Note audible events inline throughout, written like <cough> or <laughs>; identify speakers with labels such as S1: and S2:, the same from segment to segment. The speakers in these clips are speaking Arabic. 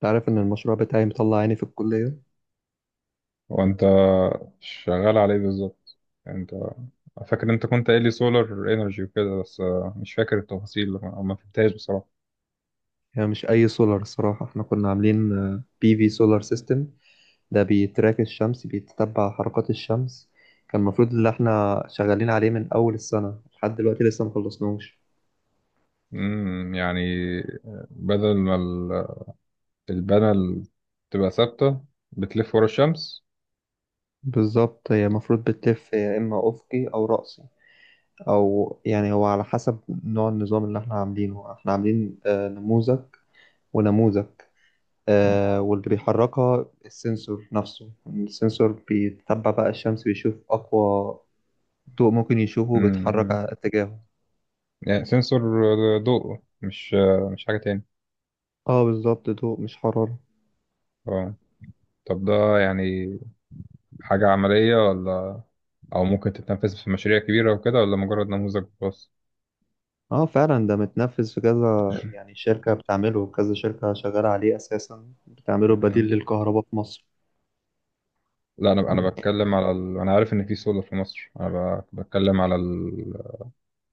S1: تعرف ان المشروع بتاعي مطلع عيني في الكلية.
S2: وانت شغال عليه بالظبط. يعني انت فاكر انت كنت قايل لي سولار انرجي وكده؟ بس مش فاكر التفاصيل او ما فهمتهاش بصراحه.
S1: هي مش اي سولار، الصراحة احنا كنا عاملين بي في سولار سيستم. ده بيتراك الشمس، بيتتبع حركات الشمس. كان المفروض ان احنا شغالين عليه من اول السنة لحد دلوقتي لسه مخلصناش.
S2: يعني بدل ما البانل تبقى ثابته، بتلف ورا الشمس.
S1: بالظبط، هي المفروض بتلف يا اما افقي او رأسي، او يعني هو على حسب نوع النظام اللي احنا عاملينه. احنا عاملين نموذج ونموذج آه، واللي بيحركها السنسور نفسه. السنسور بيتبع بقى الشمس، بيشوف اقوى ضوء ممكن يشوفه بيتحرك
S2: امم
S1: على اتجاهه.
S2: يعني سنسور ضوء، مش حاجه تاني.
S1: اه بالظبط، ضوء مش حرارة.
S2: اه، طب ده يعني حاجه عمليه، ولا او ممكن تتنفذ في مشاريع كبيره وكده، ولا مجرد نموذج بس؟
S1: اه فعلا ده متنفذ في كذا يعني شركة، بتعمله كذا شركة شغالة عليه أساسا، بتعمله بديل للكهرباء في مصر.
S2: لا، انا بتكلم على انا عارف ان في سولار في مصر. انا بتكلم على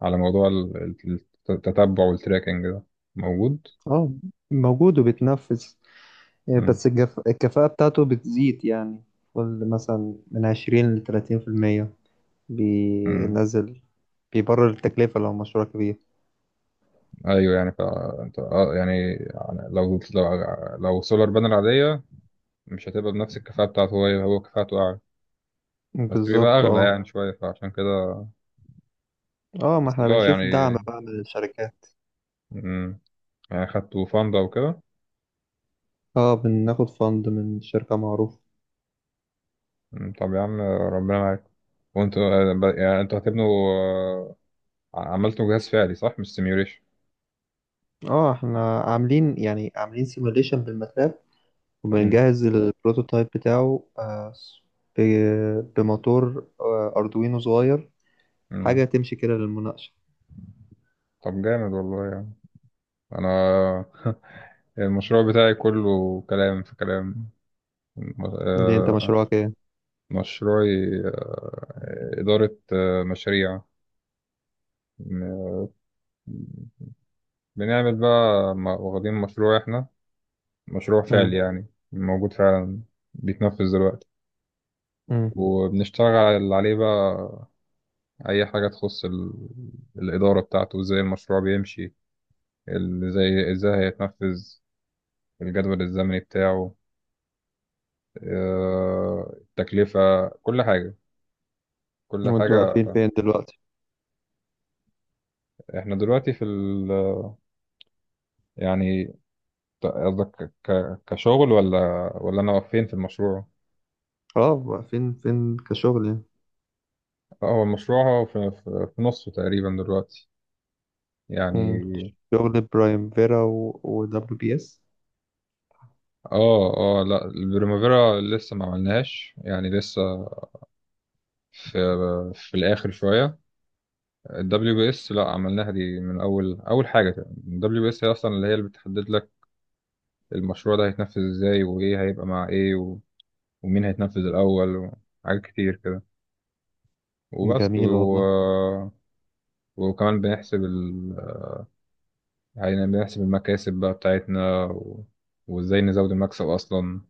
S2: على موضوع ال- التتبع والتراكنج ده موجود.
S1: اه موجود وبيتنفذ،
S2: مم.
S1: بس الكفاءة بتاعته بتزيد يعني. قول مثلا من 20 لـ30%
S2: مم.
S1: بينزل. بيبرر التكلفة لو مشروع كبير.
S2: ايوه يعني. فانت يعني لو سولار بانل عاديه، مش هتبقى بنفس الكفاءه بتاعته. هو كفاءته اعلى بس بيبقى
S1: بالظبط
S2: اغلى
S1: اه.
S2: يعني شويه، فعشان كده.
S1: اه ما
S2: بس
S1: احنا بنشوف
S2: يعني.
S1: دعم بقى من الشركات.
S2: مم. يعني خدتوا فاندا وكده.
S1: اه بناخد فند من شركة معروفة.
S2: مم. طب يا عم ربنا معاك. وانتوا يعني انتوا هتبنوا، عملتوا جهاز فعلي صح؟ مش سيميوليشن.
S1: اه احنا عاملين عاملين سيموليشن بالماتلاب،
S2: مم.
S1: وبنجهز البروتوتايب بتاعه، بموتور اردوينو صغير. حاجة
S2: مم.
S1: تمشي كده للمناقشة.
S2: طب جامد والله يعني. انا <laughs> المشروع بتاعي كله كلام في كلام. م-
S1: دي انت
S2: آه،
S1: مشروعك ايه؟
S2: مشروعي إدارة مشاريع. م- بنعمل بقى، واخدين مشروع، احنا مشروع
S1: مم.
S2: فعلي يعني، موجود فعلا، بيتنفذ دلوقتي.
S1: مم.
S2: وبنشتغل عليه بقى أي حاجة تخص الإدارة بتاعته، ازاي المشروع بيمشي، ازاي هيتنفذ، الجدول الزمني بتاعه، التكلفة، كل حاجة، كل
S1: وانتوا
S2: حاجة.
S1: واقفين فين دلوقتي؟
S2: احنا دلوقتي في ال، يعني قصدك كشغل، ولا انا فين في المشروع؟
S1: اه واقفين فين كشغل يعني.
S2: اه، هو المشروع، هو في نصه تقريبا دلوقتي يعني.
S1: مم. شغل برايم فيرا ودبليو بي اس.
S2: اه، اه، لا، البريمافيرا لسه ما عملناهاش يعني، لسه في في الاخر شويه. الدبليو بي اس لا عملناها، دي من اول اول حاجه. الـWBS هي اصلا اللي بتحدد لك المشروع ده هيتنفذ ازاي، وايه هيبقى مع ايه، ومين هيتنفذ الأول، وحاجات كتير كده. وبس
S1: جميل والله.
S2: وكمان بنحسب يعني بنحسب المكاسب بقى بتاعتنا، وإزاي نزود المكسب أصلا،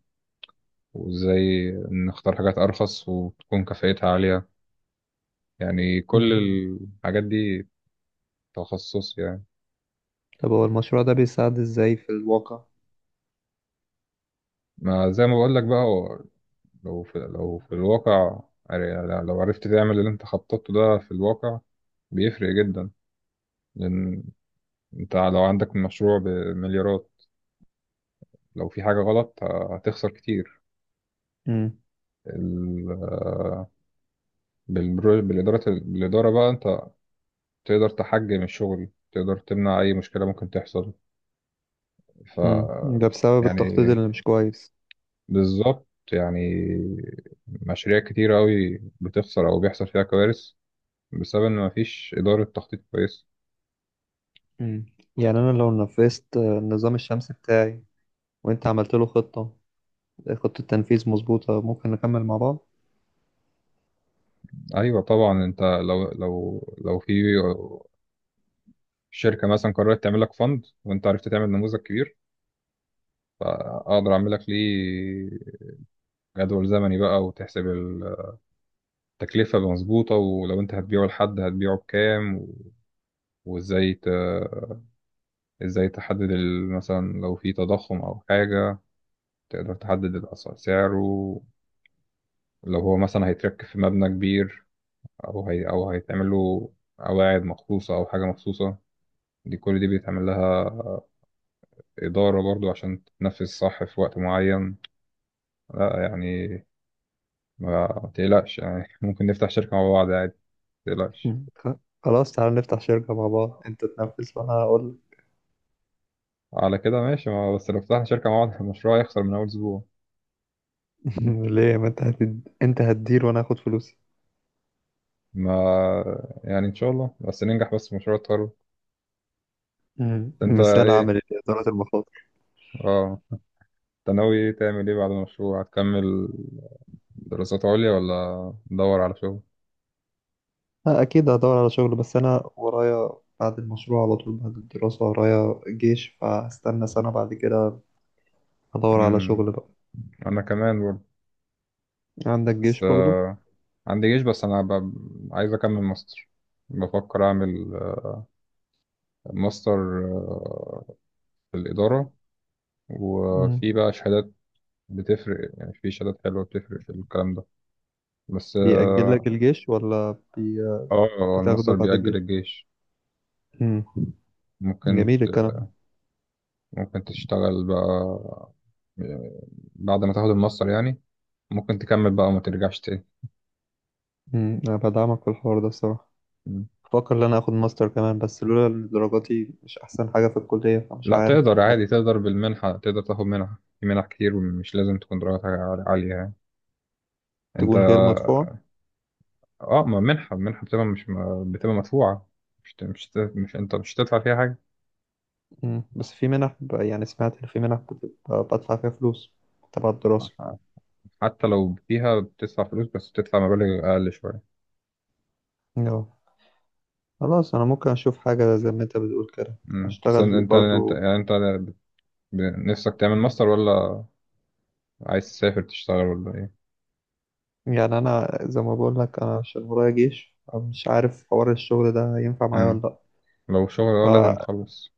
S2: وإزاي نختار حاجات أرخص وتكون كفاءتها عالية. يعني كل
S1: مم.
S2: الحاجات دي تخصص يعني.
S1: طب هو المشروع ده بيساعد ازاي في الواقع؟
S2: ما زي ما بقولك بقى، هو لو لو في الواقع، يعني لو عرفت تعمل اللي انت خططته ده في الواقع، بيفرق جدا. لأن انت لو عندك مشروع بمليارات، لو في حاجة غلط هتخسر كتير.
S1: مم.
S2: ال- بالإدارة بقى أنت تقدر تحجم الشغل، تقدر تمنع أي مشكلة ممكن تحصل. ف
S1: مم. ده بسبب التخطيط
S2: يعني
S1: اللي مش كويس.
S2: بالظبط، يعني مشاريع كتير أوي بتخسر أو بيحصل فيها كوارث، بسبب إن مفيش إدارة تخطيط كويس.
S1: مم. يعني أنا لو نفذت النظام الشمسي بتاعي وأنت عملت له خطة، خطة تنفيذ مظبوطة ممكن نكمل مع بعض.
S2: أيوة طبعا، أنت لو لو في شركة مثلا قررت تعمل لك فند، وأنت عرفت تعمل نموذج كبير، أقدر أعمل لك ليه جدول زمني بقى، وتحسب تكلفة مظبوطة. ولو انت هتبيعه لحد، هتبيعه بكام؟ وازاي ت... ازاي تحدد مثلا لو في تضخم او حاجة، تقدر تحدد الأسعار. سعره لو هو مثلا هيتركب في مبنى كبير، او او هيتعمل له قواعد مخصوصة او حاجة مخصوصة، دي كل دي بيتعمل لها إدارة برضو عشان تتنفذ صح في وقت معين. لا يعني، ما تقلقش يعني <laughs> ممكن نفتح شركة مع بعض عادي، ما تقلقش.
S1: مم. خلاص تعالى نفتح شركة مع بعض، أنت تنفذ وأنا هقول.
S2: على كده ماشي. ما بس لو فتحنا شركة مع بعض <laughs> المشروع هيخسر من أول أسبوع.
S1: <laughs> ليه، ما أنت أنت هتدير وأنا هاخد فلوسي.
S2: ما يعني، ان شاء الله بس ننجح بس في مشروع التخرج.
S1: مم.
S2: انت
S1: مثال
S2: ايه،
S1: عملي لإدارة المخاطر.
S2: اه انت ناوي تعمل ايه بعد المشروع؟ هتكمل دراسات عليا ولا تدور على شغل؟
S1: أكيد هدور على شغل، بس أنا ورايا بعد المشروع على طول، بعد الدراسة ورايا جيش، فهستنى 1 سنة بعد كده هدور على
S2: امم
S1: شغل بقى.
S2: انا كمان برضه.
S1: عندك
S2: بس
S1: جيش برضو.
S2: عندي جيش، بس انا عايز اكمل ماستر. بفكر اعمل ماستر آه، في الاداره.
S1: مم.
S2: وفي بقى شهادات بتفرق يعني، في شهادات حلوه بتفرق في الكلام ده. بس
S1: بيأجل لك
S2: اه.
S1: الجيش ولا؟ بتاخده
S2: الماستر
S1: بعد
S2: بيأجل
S1: الجيش.
S2: الجيش.
S1: امم.
S2: ممكن
S1: جميل الكلام.
S2: ممكن تشتغل بقى بعد ما تاخد الماستر يعني، ممكن تكمل بقى وما ترجعش تاني.
S1: امم، انا بدعمك في الحوار ده الصراحه.
S2: مم.
S1: بفكر ان انا اخد ماستر كمان، بس لولا ان درجاتي مش احسن حاجه في الكليه فمش
S2: لا،
S1: عارف
S2: تقدر عادي،
S1: طيب،
S2: تقدر بالمنحة، تقدر تاخد منحة. في منح كتير ومش لازم تكون درجاتها عالية يعني. انت
S1: تكون غير مدفوعه.
S2: اه، ما منحة منحة بتبقى، مش بتبقى مدفوعة. مش ت- مش ت- مش انت مش هتدفع فيها حاجة.
S1: امم، بس في منح يعني سمعت ان في منح بتبقى بدفع فيها فلوس تبع الدراسه.
S2: ح- حتى لو فيها بتدفع فلوس، بس بتدفع مبالغ أقل شوية.
S1: اه خلاص، انا ممكن اشوف حاجه زي ما انت بتقول كده،
S2: مم. بس
S1: اشتغل برضو.
S2: انت ب- نفسك تعمل ماستر، ولا عايز تسافر تشتغل، ولا ايه؟
S1: يعني انا زي ما بقول لك، انا عشان ورايا جيش مش عارف حوار الشغل ده ينفع معايا
S2: مم.
S1: ولا
S2: لو شغل اه لازم
S1: لا.
S2: تخلص.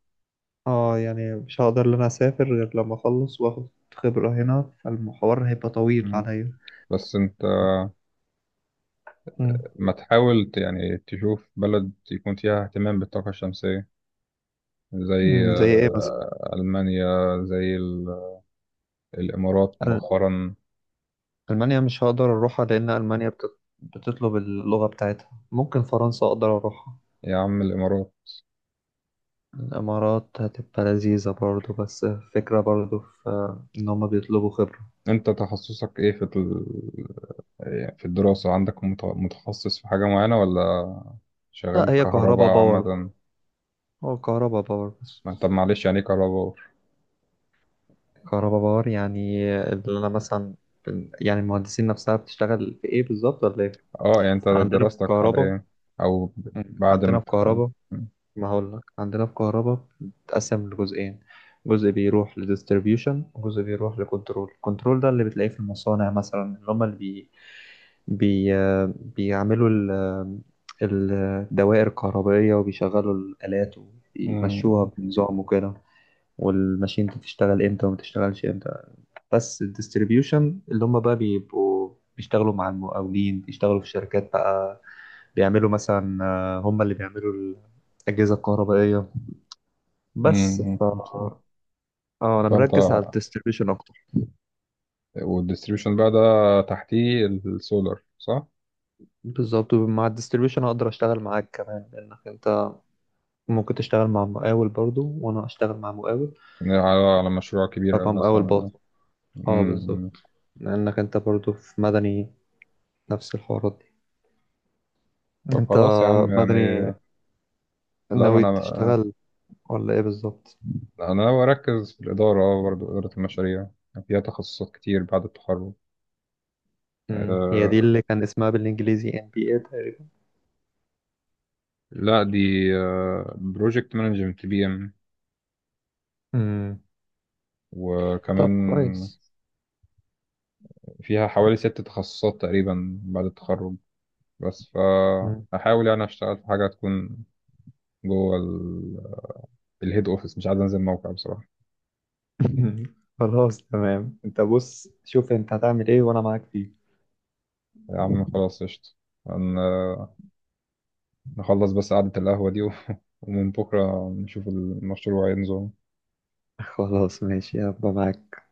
S1: اه يعني مش هقدر ان انا اسافر غير لما اخلص واخد خبرة هنا، فالمحور هيبقى طويل عليا.
S2: بس انت
S1: مم.
S2: ما تحاول يعني تشوف بلد يكون فيها اهتمام بالطاقة الشمسية، زي
S1: مم، زي ايه مثلا؟
S2: ألمانيا، زي الإمارات
S1: أل-
S2: مؤخرا.
S1: المانيا مش هقدر اروحها لان المانيا بتطلب اللغة بتاعتها. ممكن فرنسا اقدر اروحها.
S2: يا عم الإمارات.
S1: الامارات هتبقى لذيذة برضو، بس فكرة برضو في ان هما بيطلبوا خبرة.
S2: انت تخصصك ايه في يعني في الدراسة، عندك متخصص في حاجة معينة، ولا
S1: لا
S2: شغال
S1: هي كهربا
S2: كهرباء
S1: باور،
S2: عامة؟
S1: هو كهربا باور بس.
S2: طب معلش، يعني ايه كهرباء؟
S1: كهربا باور يعني، اللي انا مثلا، يعني المهندسين نفسها بتشتغل في ايه بالظبط ولا ايه؟
S2: اه، يعني انت
S1: عندنا في
S2: دراستك على
S1: الكهرباء.
S2: ايه؟ او
S1: مم.
S2: بعد ما
S1: عندنا في
S2: تخلص.
S1: كهرباء.
S2: مم.
S1: ما هقول لك، عندنا في كهرباء بتتقسم لجزئين، جزء بيروح لديستريبيوشن وجزء بيروح لكنترول. الكنترول ده اللي بتلاقيه في المصانع مثلا، اللي هم اللي بي... بي... آه، بيعملوا ال... آه، الدوائر الكهربائية وبيشغلوا الآلات
S2: مم.
S1: وبيمشوها بنظام وكده. والماشين دي بتشتغل امتى وما بتشتغلش امتى. بس الديستريبيوشن، اللي هم بقى بيبقوا بيشتغلوا مع المقاولين، بيشتغلوا في شركات بقى، بيعملوا مثلا، هم اللي بيعملوا الأجهزة الكهربائية بس.
S2: مم.
S1: ف اه انا
S2: فانت،
S1: مركز على الديستريبيوشن اكتر.
S2: والديستريبيوشن بقى ده تحتيه السولار صح؟
S1: بالظبط، مع الديستريبيوشن هقدر اشتغل معاك كمان لانك انت ممكن تشتغل مع مقاول برضو وانا اشتغل مع مقاول،
S2: يعني على على مشروع كبير
S1: فبقى مقاول
S2: مثلا.
S1: باطن. اه
S2: امم.
S1: بالظبط، لانك انت برضو في مدني نفس الحوارات دي.
S2: طب
S1: انت
S2: خلاص يا عم يعني.
S1: مدني،
S2: لا ما
S1: ناوي
S2: انا،
S1: تشتغل ولا ايه بالظبط؟
S2: انا ناوي اركز في الاداره. برضه اداره المشاريع فيها تخصصات كتير بعد التخرج.
S1: امم، هي دي
S2: أه،
S1: اللي كان اسمها بالانجليزي NPI تقريبا.
S2: لا دي بروجكت مانجمنت، PM.
S1: امم، طب
S2: وكمان
S1: كويس.
S2: فيها حوالي ست تخصصات تقريبا بعد التخرج. بس
S1: مم.
S2: فأحاول يعني أشتغل في حاجة تكون جوه الهيد أوفيس، مش عايز أنزل موقع بصراحة.
S1: <laughs> خلاص تمام، انت بص شوف انت هتعمل ايه وانا معاك فيه.
S2: يا عم خلاص قشطة، هن- نخلص بس قعدة القهوة دي، <laughs> ومن بكرة نشوف المشروع هينزل.
S1: <laughs> خلاص ماشي، هبقى معاك.